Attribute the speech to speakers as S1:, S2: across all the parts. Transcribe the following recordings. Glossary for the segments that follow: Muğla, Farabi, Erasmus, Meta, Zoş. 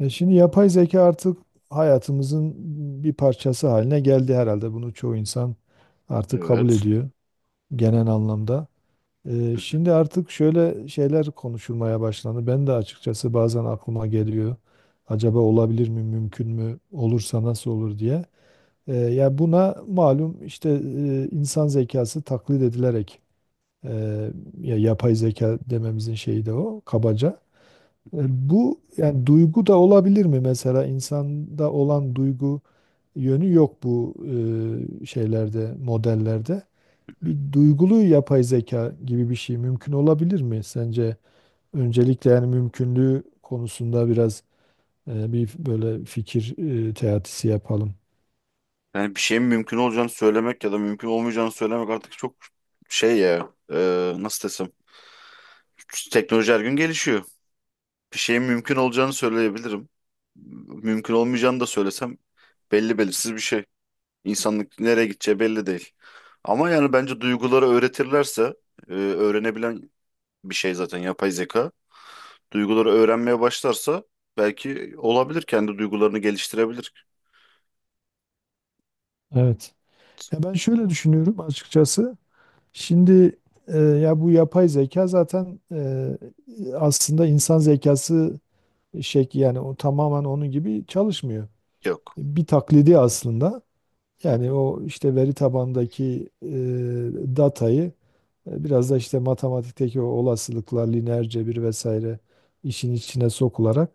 S1: Şimdi yapay zeka artık hayatımızın bir parçası haline geldi herhalde. Bunu çoğu insan artık kabul
S2: Evet.
S1: ediyor genel anlamda.
S2: Hı hı.
S1: Şimdi artık şöyle şeyler konuşulmaya başlandı. Ben de açıkçası bazen aklıma geliyor. Acaba olabilir mi, mümkün mü, olursa nasıl olur diye. Ya buna malum işte, insan zekası taklit edilerek, e, ya yapay zeka dememizin şeyi de o kabaca. E, Bu yani duygu da olabilir mi mesela insanda olan duygu yönü yok bu şeylerde, modellerde. Bir duygulu yapay zeka gibi bir şey mümkün olabilir mi sence? Öncelikle yani mümkünlüğü konusunda biraz bir böyle fikir teatisi yapalım.
S2: Yani bir şeyin mümkün olacağını söylemek ya da mümkün olmayacağını söylemek artık çok şey ya nasıl desem teknoloji her gün gelişiyor. Bir şeyin mümkün olacağını söyleyebilirim. Mümkün olmayacağını da söylesem belli belirsiz bir şey. İnsanlık nereye gideceği belli değil. Ama yani bence duyguları öğretirlerse öğrenebilen bir şey zaten yapay zeka. Duyguları öğrenmeye başlarsa belki olabilir kendi duygularını geliştirebilir.
S1: Evet. Ya ben şöyle düşünüyorum açıkçası. Şimdi ya bu yapay zeka zaten, aslında insan zekası, yani o tamamen onun gibi çalışmıyor.
S2: Yok.
S1: Bir taklidi aslında.
S2: Hı
S1: Yani
S2: hı.
S1: o işte veri tabandaki datayı, biraz da işte matematikteki o olasılıklar, lineer cebir vesaire işin içine sokularak,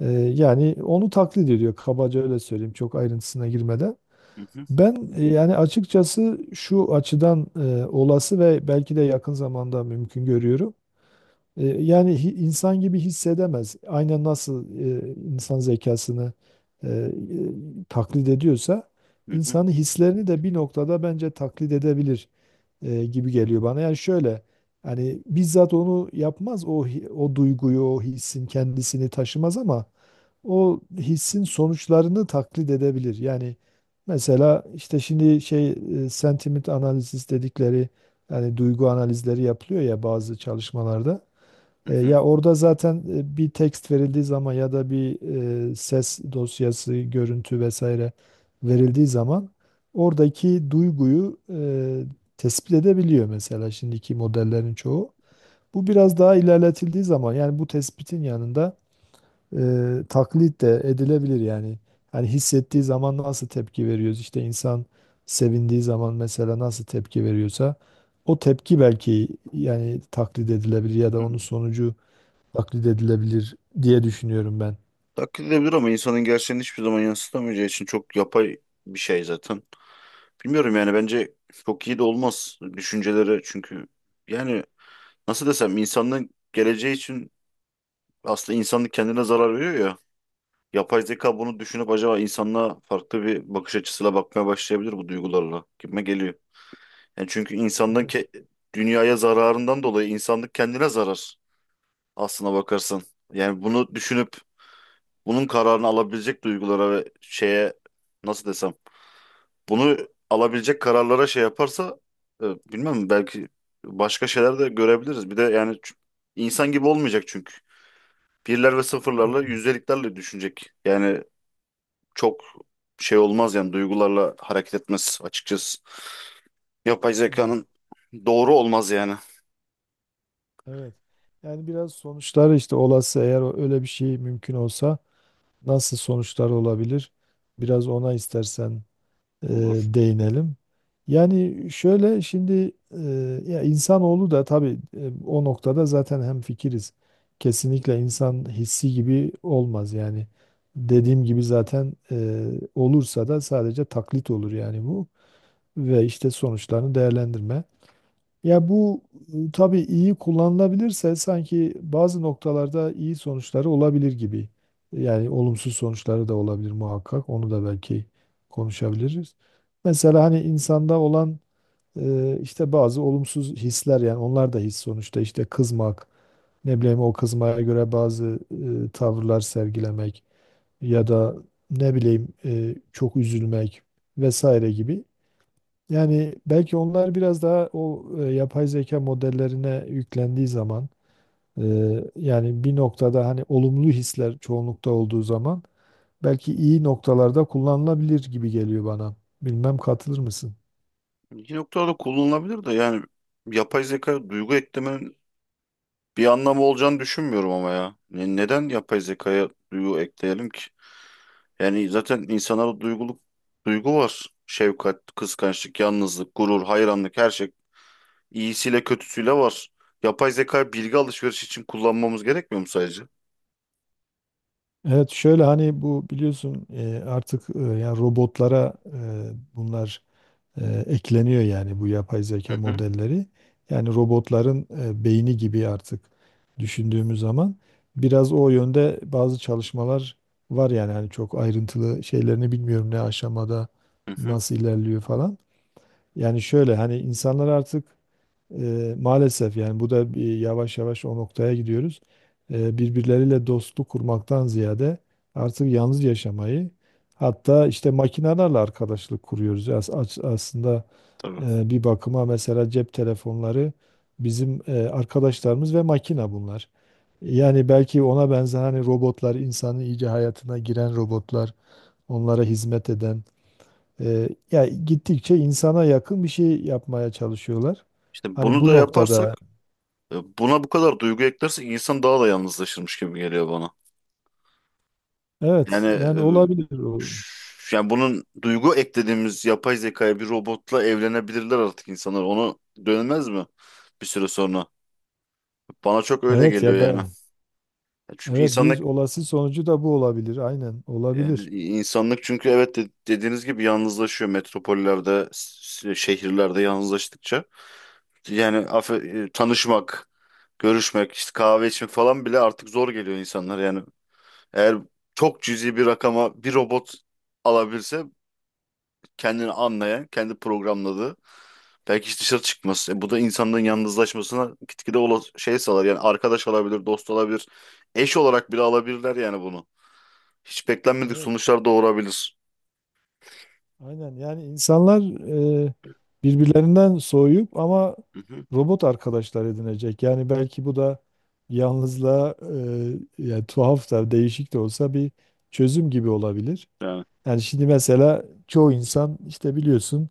S1: yani onu taklit ediyor. Kabaca öyle söyleyeyim, çok ayrıntısına girmeden.
S2: Hı hı.
S1: Ben yani açıkçası şu açıdan olası ve belki de yakın zamanda mümkün görüyorum. Yani insan gibi hissedemez. Aynen nasıl insan zekasını e, e, taklit ediyorsa,
S2: Hı hı.
S1: insanın hislerini de bir noktada bence taklit edebilir gibi geliyor bana. Yani şöyle, hani bizzat onu yapmaz o o duyguyu, o hissin kendisini taşımaz ama o hissin sonuçlarını taklit edebilir. Yani mesela işte şimdi sentiment analizi dedikleri, yani duygu analizleri yapılıyor ya bazı çalışmalarda.
S2: Hı hı.
S1: Ya orada zaten bir tekst verildiği zaman ya da bir ses dosyası, görüntü vesaire verildiği zaman, oradaki duyguyu tespit edebiliyor mesela şimdiki modellerin çoğu. Bu biraz daha ilerletildiği zaman yani bu tespitin yanında e, taklit de edilebilir yani. Hani hissettiği zaman nasıl tepki veriyoruz? İşte insan sevindiği zaman mesela nasıl tepki veriyorsa, o tepki belki yani taklit edilebilir ya da
S2: Hı.
S1: onun sonucu taklit edilebilir diye düşünüyorum ben.
S2: Taklit edilebilir ama insanın gerçeğini hiçbir zaman yansıtamayacağı için çok yapay bir şey zaten. Bilmiyorum yani bence çok iyi de olmaz düşünceleri çünkü yani nasıl desem insanlığın geleceği için aslında insanlık kendine zarar veriyor ya. Yapay zeka bunu düşünüp acaba insanlığa farklı bir bakış açısıyla bakmaya başlayabilir bu duygularla gibime geliyor. Yani çünkü
S1: Evet.
S2: dünyaya zararından dolayı insanlık kendine zarar aslına bakarsan. Yani bunu düşünüp bunun kararını alabilecek duygulara ve şeye nasıl desem bunu alabilecek kararlara şey yaparsa e, bilmem belki başka şeyler de görebiliriz. Bir de yani insan gibi olmayacak çünkü. Birler ve sıfırlarla
S1: Umarım.
S2: yüzdeliklerle düşünecek. Yani çok şey olmaz yani duygularla hareket etmez açıkçası. Yapay
S1: Evet.
S2: zekanın doğru olmaz yani.
S1: Evet. Yani biraz sonuçlar işte, olası eğer öyle bir şey mümkün olsa nasıl sonuçlar olabilir? Biraz ona istersen e,
S2: Olur.
S1: değinelim. Yani şöyle şimdi, ya insanoğlu da tabii o noktada zaten hemfikiriz. Kesinlikle insan hissi gibi olmaz yani. Dediğim gibi zaten, olursa da sadece taklit olur yani bu. Ve işte sonuçlarını değerlendirme. Ya bu tabii iyi kullanılabilirse sanki bazı noktalarda iyi sonuçları olabilir gibi. Yani olumsuz sonuçları da olabilir muhakkak. Onu da belki konuşabiliriz. Mesela hani insanda olan işte bazı olumsuz hisler, yani onlar da his sonuçta, işte kızmak, ne bileyim o kızmaya göre bazı tavırlar sergilemek, ya da ne bileyim, çok üzülmek vesaire gibi, yani belki onlar biraz daha o yapay zeka modellerine yüklendiği zaman, e, yani bir noktada hani olumlu hisler çoğunlukta olduğu zaman, belki iyi noktalarda kullanılabilir gibi geliyor bana. Bilmem, katılır mısın?
S2: Bir noktada kullanılabilir de yani yapay zeka duygu eklemenin bir anlamı olacağını düşünmüyorum ama ya. Neden yapay zekaya duygu ekleyelim ki? Yani zaten insanlara duyguluk duygu var. Şefkat, kıskançlık, yalnızlık, gurur, hayranlık her şey iyisiyle kötüsüyle var. Yapay zekayı bilgi alışverişi için kullanmamız gerekmiyor mu sadece?
S1: Evet, şöyle hani bu biliyorsun artık, yani robotlara bunlar ekleniyor, yani bu yapay zeka
S2: Hı hı,
S1: modelleri. Yani robotların beyni gibi artık düşündüğümüz zaman, biraz o yönde bazı çalışmalar var, yani hani çok ayrıntılı şeylerini bilmiyorum, ne aşamada
S2: hı hı,
S1: nasıl ilerliyor falan. Yani şöyle, hani insanlar artık, maalesef yani bu da bir, yavaş yavaş o noktaya gidiyoruz. Birbirleriyle dostluk kurmaktan ziyade artık yalnız yaşamayı, hatta işte makinelerle arkadaşlık kuruyoruz. Aslında
S2: tabii.
S1: bir bakıma mesela cep telefonları bizim arkadaşlarımız, ve makina bunlar. Yani belki ona benzer, hani robotlar, insanın iyice hayatına giren robotlar, onlara hizmet eden, ya gittikçe insana yakın bir şey yapmaya çalışıyorlar.
S2: İşte
S1: Hani
S2: bunu
S1: bu
S2: da
S1: noktada
S2: yaparsak, buna bu kadar duygu eklersek insan daha da yalnızlaşırmış gibi geliyor bana.
S1: evet,
S2: Yani
S1: yani olabilir. O.
S2: yani bunun duygu eklediğimiz yapay zekaya bir robotla evlenebilirler artık insanlar. Onu dönmez mi bir süre sonra? Bana çok öyle
S1: Evet
S2: geliyor
S1: ya
S2: yani.
S1: be.
S2: Çünkü
S1: Evet, bir
S2: insanlık
S1: olası sonucu da bu olabilir. Aynen,
S2: yani
S1: olabilir.
S2: insanlık çünkü evet dediğiniz gibi yalnızlaşıyor metropollerde, şehirlerde yalnızlaştıkça. Yani tanışmak, görüşmek, işte kahve içmek falan bile artık zor geliyor insanlar. Yani eğer çok cüzi bir rakama bir robot alabilse kendini anlayan, kendi programladığı, belki hiç dışarı çıkmaz. E, bu da insanların yalnızlaşmasına gitgide ola şey sağlar. Yani arkadaş olabilir, dost olabilir, eş olarak bile alabilirler yani bunu. Hiç beklenmedik
S1: Evet.
S2: sonuçlar doğurabilir.
S1: Aynen, yani insanlar e, birbirlerinden soğuyup ama
S2: Hı hı.
S1: robot arkadaşlar edinecek. Yani belki bu da yalnızlığa, yani tuhaf da, değişik de olsa, bir çözüm gibi olabilir.
S2: Yani
S1: Yani şimdi mesela çoğu insan işte biliyorsun,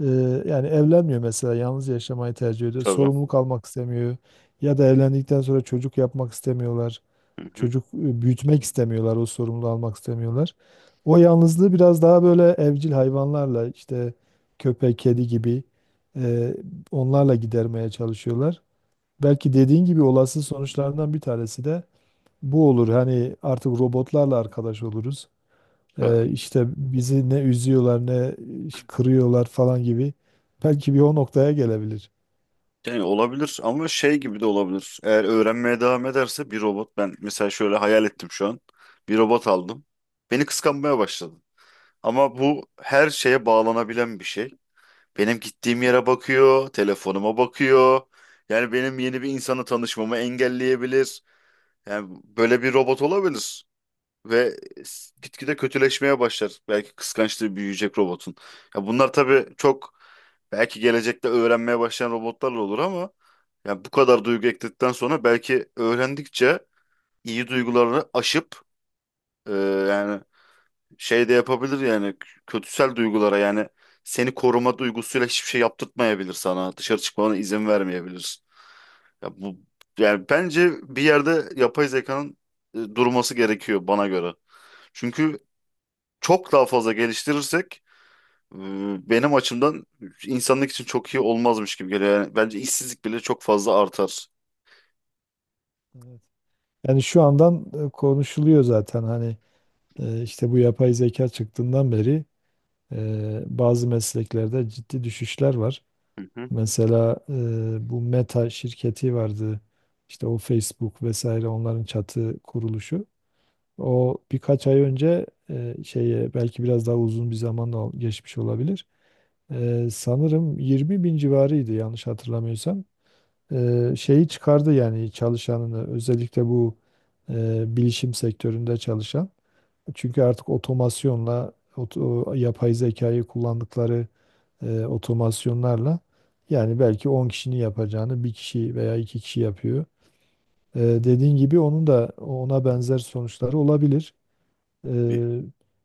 S1: Ee, yani evlenmiyor mesela, yalnız yaşamayı tercih ediyor.
S2: tabii.
S1: Sorumluluk almak istemiyor. Ya da evlendikten sonra çocuk yapmak istemiyorlar.
S2: Hı hı.
S1: Çocuk büyütmek istemiyorlar. O sorumluluğu almak istemiyorlar. O yalnızlığı biraz daha böyle evcil hayvanlarla, işte köpek, kedi gibi, e, onlarla gidermeye çalışıyorlar. Belki dediğin gibi olası sonuçlarından bir tanesi de bu olur. Hani artık robotlarla arkadaş oluruz.
S2: Ya,
S1: İşte bizi ne üzüyorlar ne kırıyorlar falan gibi. Belki bir o noktaya gelebilir.
S2: yani olabilir ama şey gibi de olabilir. Eğer öğrenmeye devam ederse bir robot ben mesela şöyle hayal ettim şu an. Bir robot aldım. Beni kıskanmaya başladı. Ama bu her şeye bağlanabilen bir şey. Benim gittiğim yere bakıyor, telefonuma bakıyor. Yani benim yeni bir insanla tanışmamı engelleyebilir. Yani böyle bir robot olabilir. Ve gitgide kötüleşmeye başlar. Belki kıskançlığı büyüyecek robotun. Ya bunlar tabii çok belki gelecekte öğrenmeye başlayan robotlarla olur ama yani bu kadar duygu ekledikten sonra belki öğrendikçe iyi duygularını aşıp yani şey de yapabilir yani kötüsel duygulara yani seni koruma duygusuyla hiçbir şey yaptırtmayabilir sana. Dışarı çıkmana izin vermeyebilir. Ya bu yani bence bir yerde yapay zekanın durması gerekiyor bana göre. Çünkü çok daha fazla geliştirirsek e, benim açımdan insanlık için çok iyi olmazmış gibi geliyor. Yani bence işsizlik bile çok fazla artar.
S1: Evet. Yani şu andan konuşuluyor zaten, hani işte bu yapay zeka çıktığından beri bazı mesleklerde ciddi düşüşler var.
S2: Hı hı.
S1: Mesela bu Meta şirketi vardı. İşte o Facebook vesaire onların çatı kuruluşu. O birkaç ay önce, şeye, belki biraz daha uzun bir zaman da geçmiş olabilir. Sanırım 20 bin civarıydı, yanlış hatırlamıyorsam. Şeyi çıkardı, yani çalışanını, özellikle bu bilişim sektöründe çalışan. Çünkü artık yapay zekayı kullandıkları otomasyonlarla, yani belki 10 kişinin yapacağını bir kişi veya iki kişi yapıyor. Dediğin gibi onun da ona benzer sonuçları olabilir. E,
S2: Bir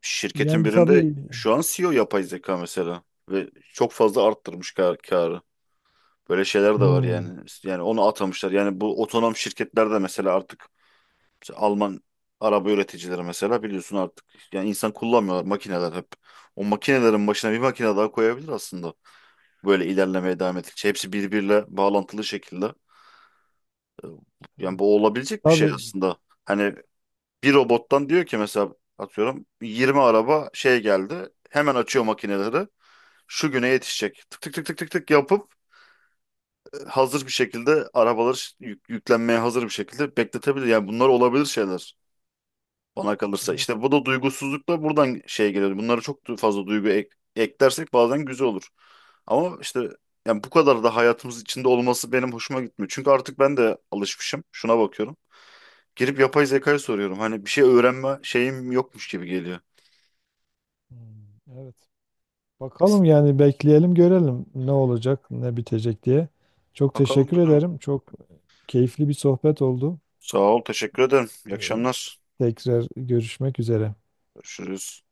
S2: şirketin
S1: Yani
S2: birinde
S1: tabii.
S2: şu an CEO yapay zeka mesela ve çok fazla arttırmış kar karı. Böyle şeyler de var
S1: Hmm,
S2: yani. Yani onu atamışlar. Yani bu otonom şirketler de mesela artık mesela Alman araba üreticileri mesela biliyorsun artık yani insan kullanmıyorlar makineler hep. O makinelerin başına bir makine daha koyabilir aslında. Böyle ilerlemeye devam ettikçe hepsi birbiriyle bağlantılı şekilde. Ee, Yani
S1: evet.
S2: bu olabilecek bir şey
S1: Tabii,
S2: aslında. Hani bir robottan diyor ki mesela atıyorum 20 araba şey geldi. Hemen açıyor makineleri. Şu güne yetişecek. Tık tık tık tık tık tık yapıp hazır bir şekilde arabaları yüklenmeye hazır bir şekilde bekletebilir. Yani bunlar olabilir şeyler bana kalırsa.
S1: evet.
S2: İşte bu da duygusuzluk da buradan şey geliyor. Bunlara çok fazla duygu eklersek bazen güzel olur. Ama işte yani bu kadar da hayatımız içinde olması benim hoşuma gitmiyor. Çünkü artık ben de alışmışım. Şuna bakıyorum. Girip yapay zekayı soruyorum. Hani bir şey öğrenme şeyim yokmuş gibi geliyor.
S1: Hmm, evet. Bakalım yani, bekleyelim görelim ne olacak, ne bitecek diye. Çok
S2: Bakalım
S1: teşekkür
S2: görelim.
S1: ederim. Çok keyifli bir sohbet oldu.
S2: Sağ ol, teşekkür ederim. İyi
S1: Ee,
S2: akşamlar.
S1: Tekrar görüşmek üzere.
S2: Görüşürüz.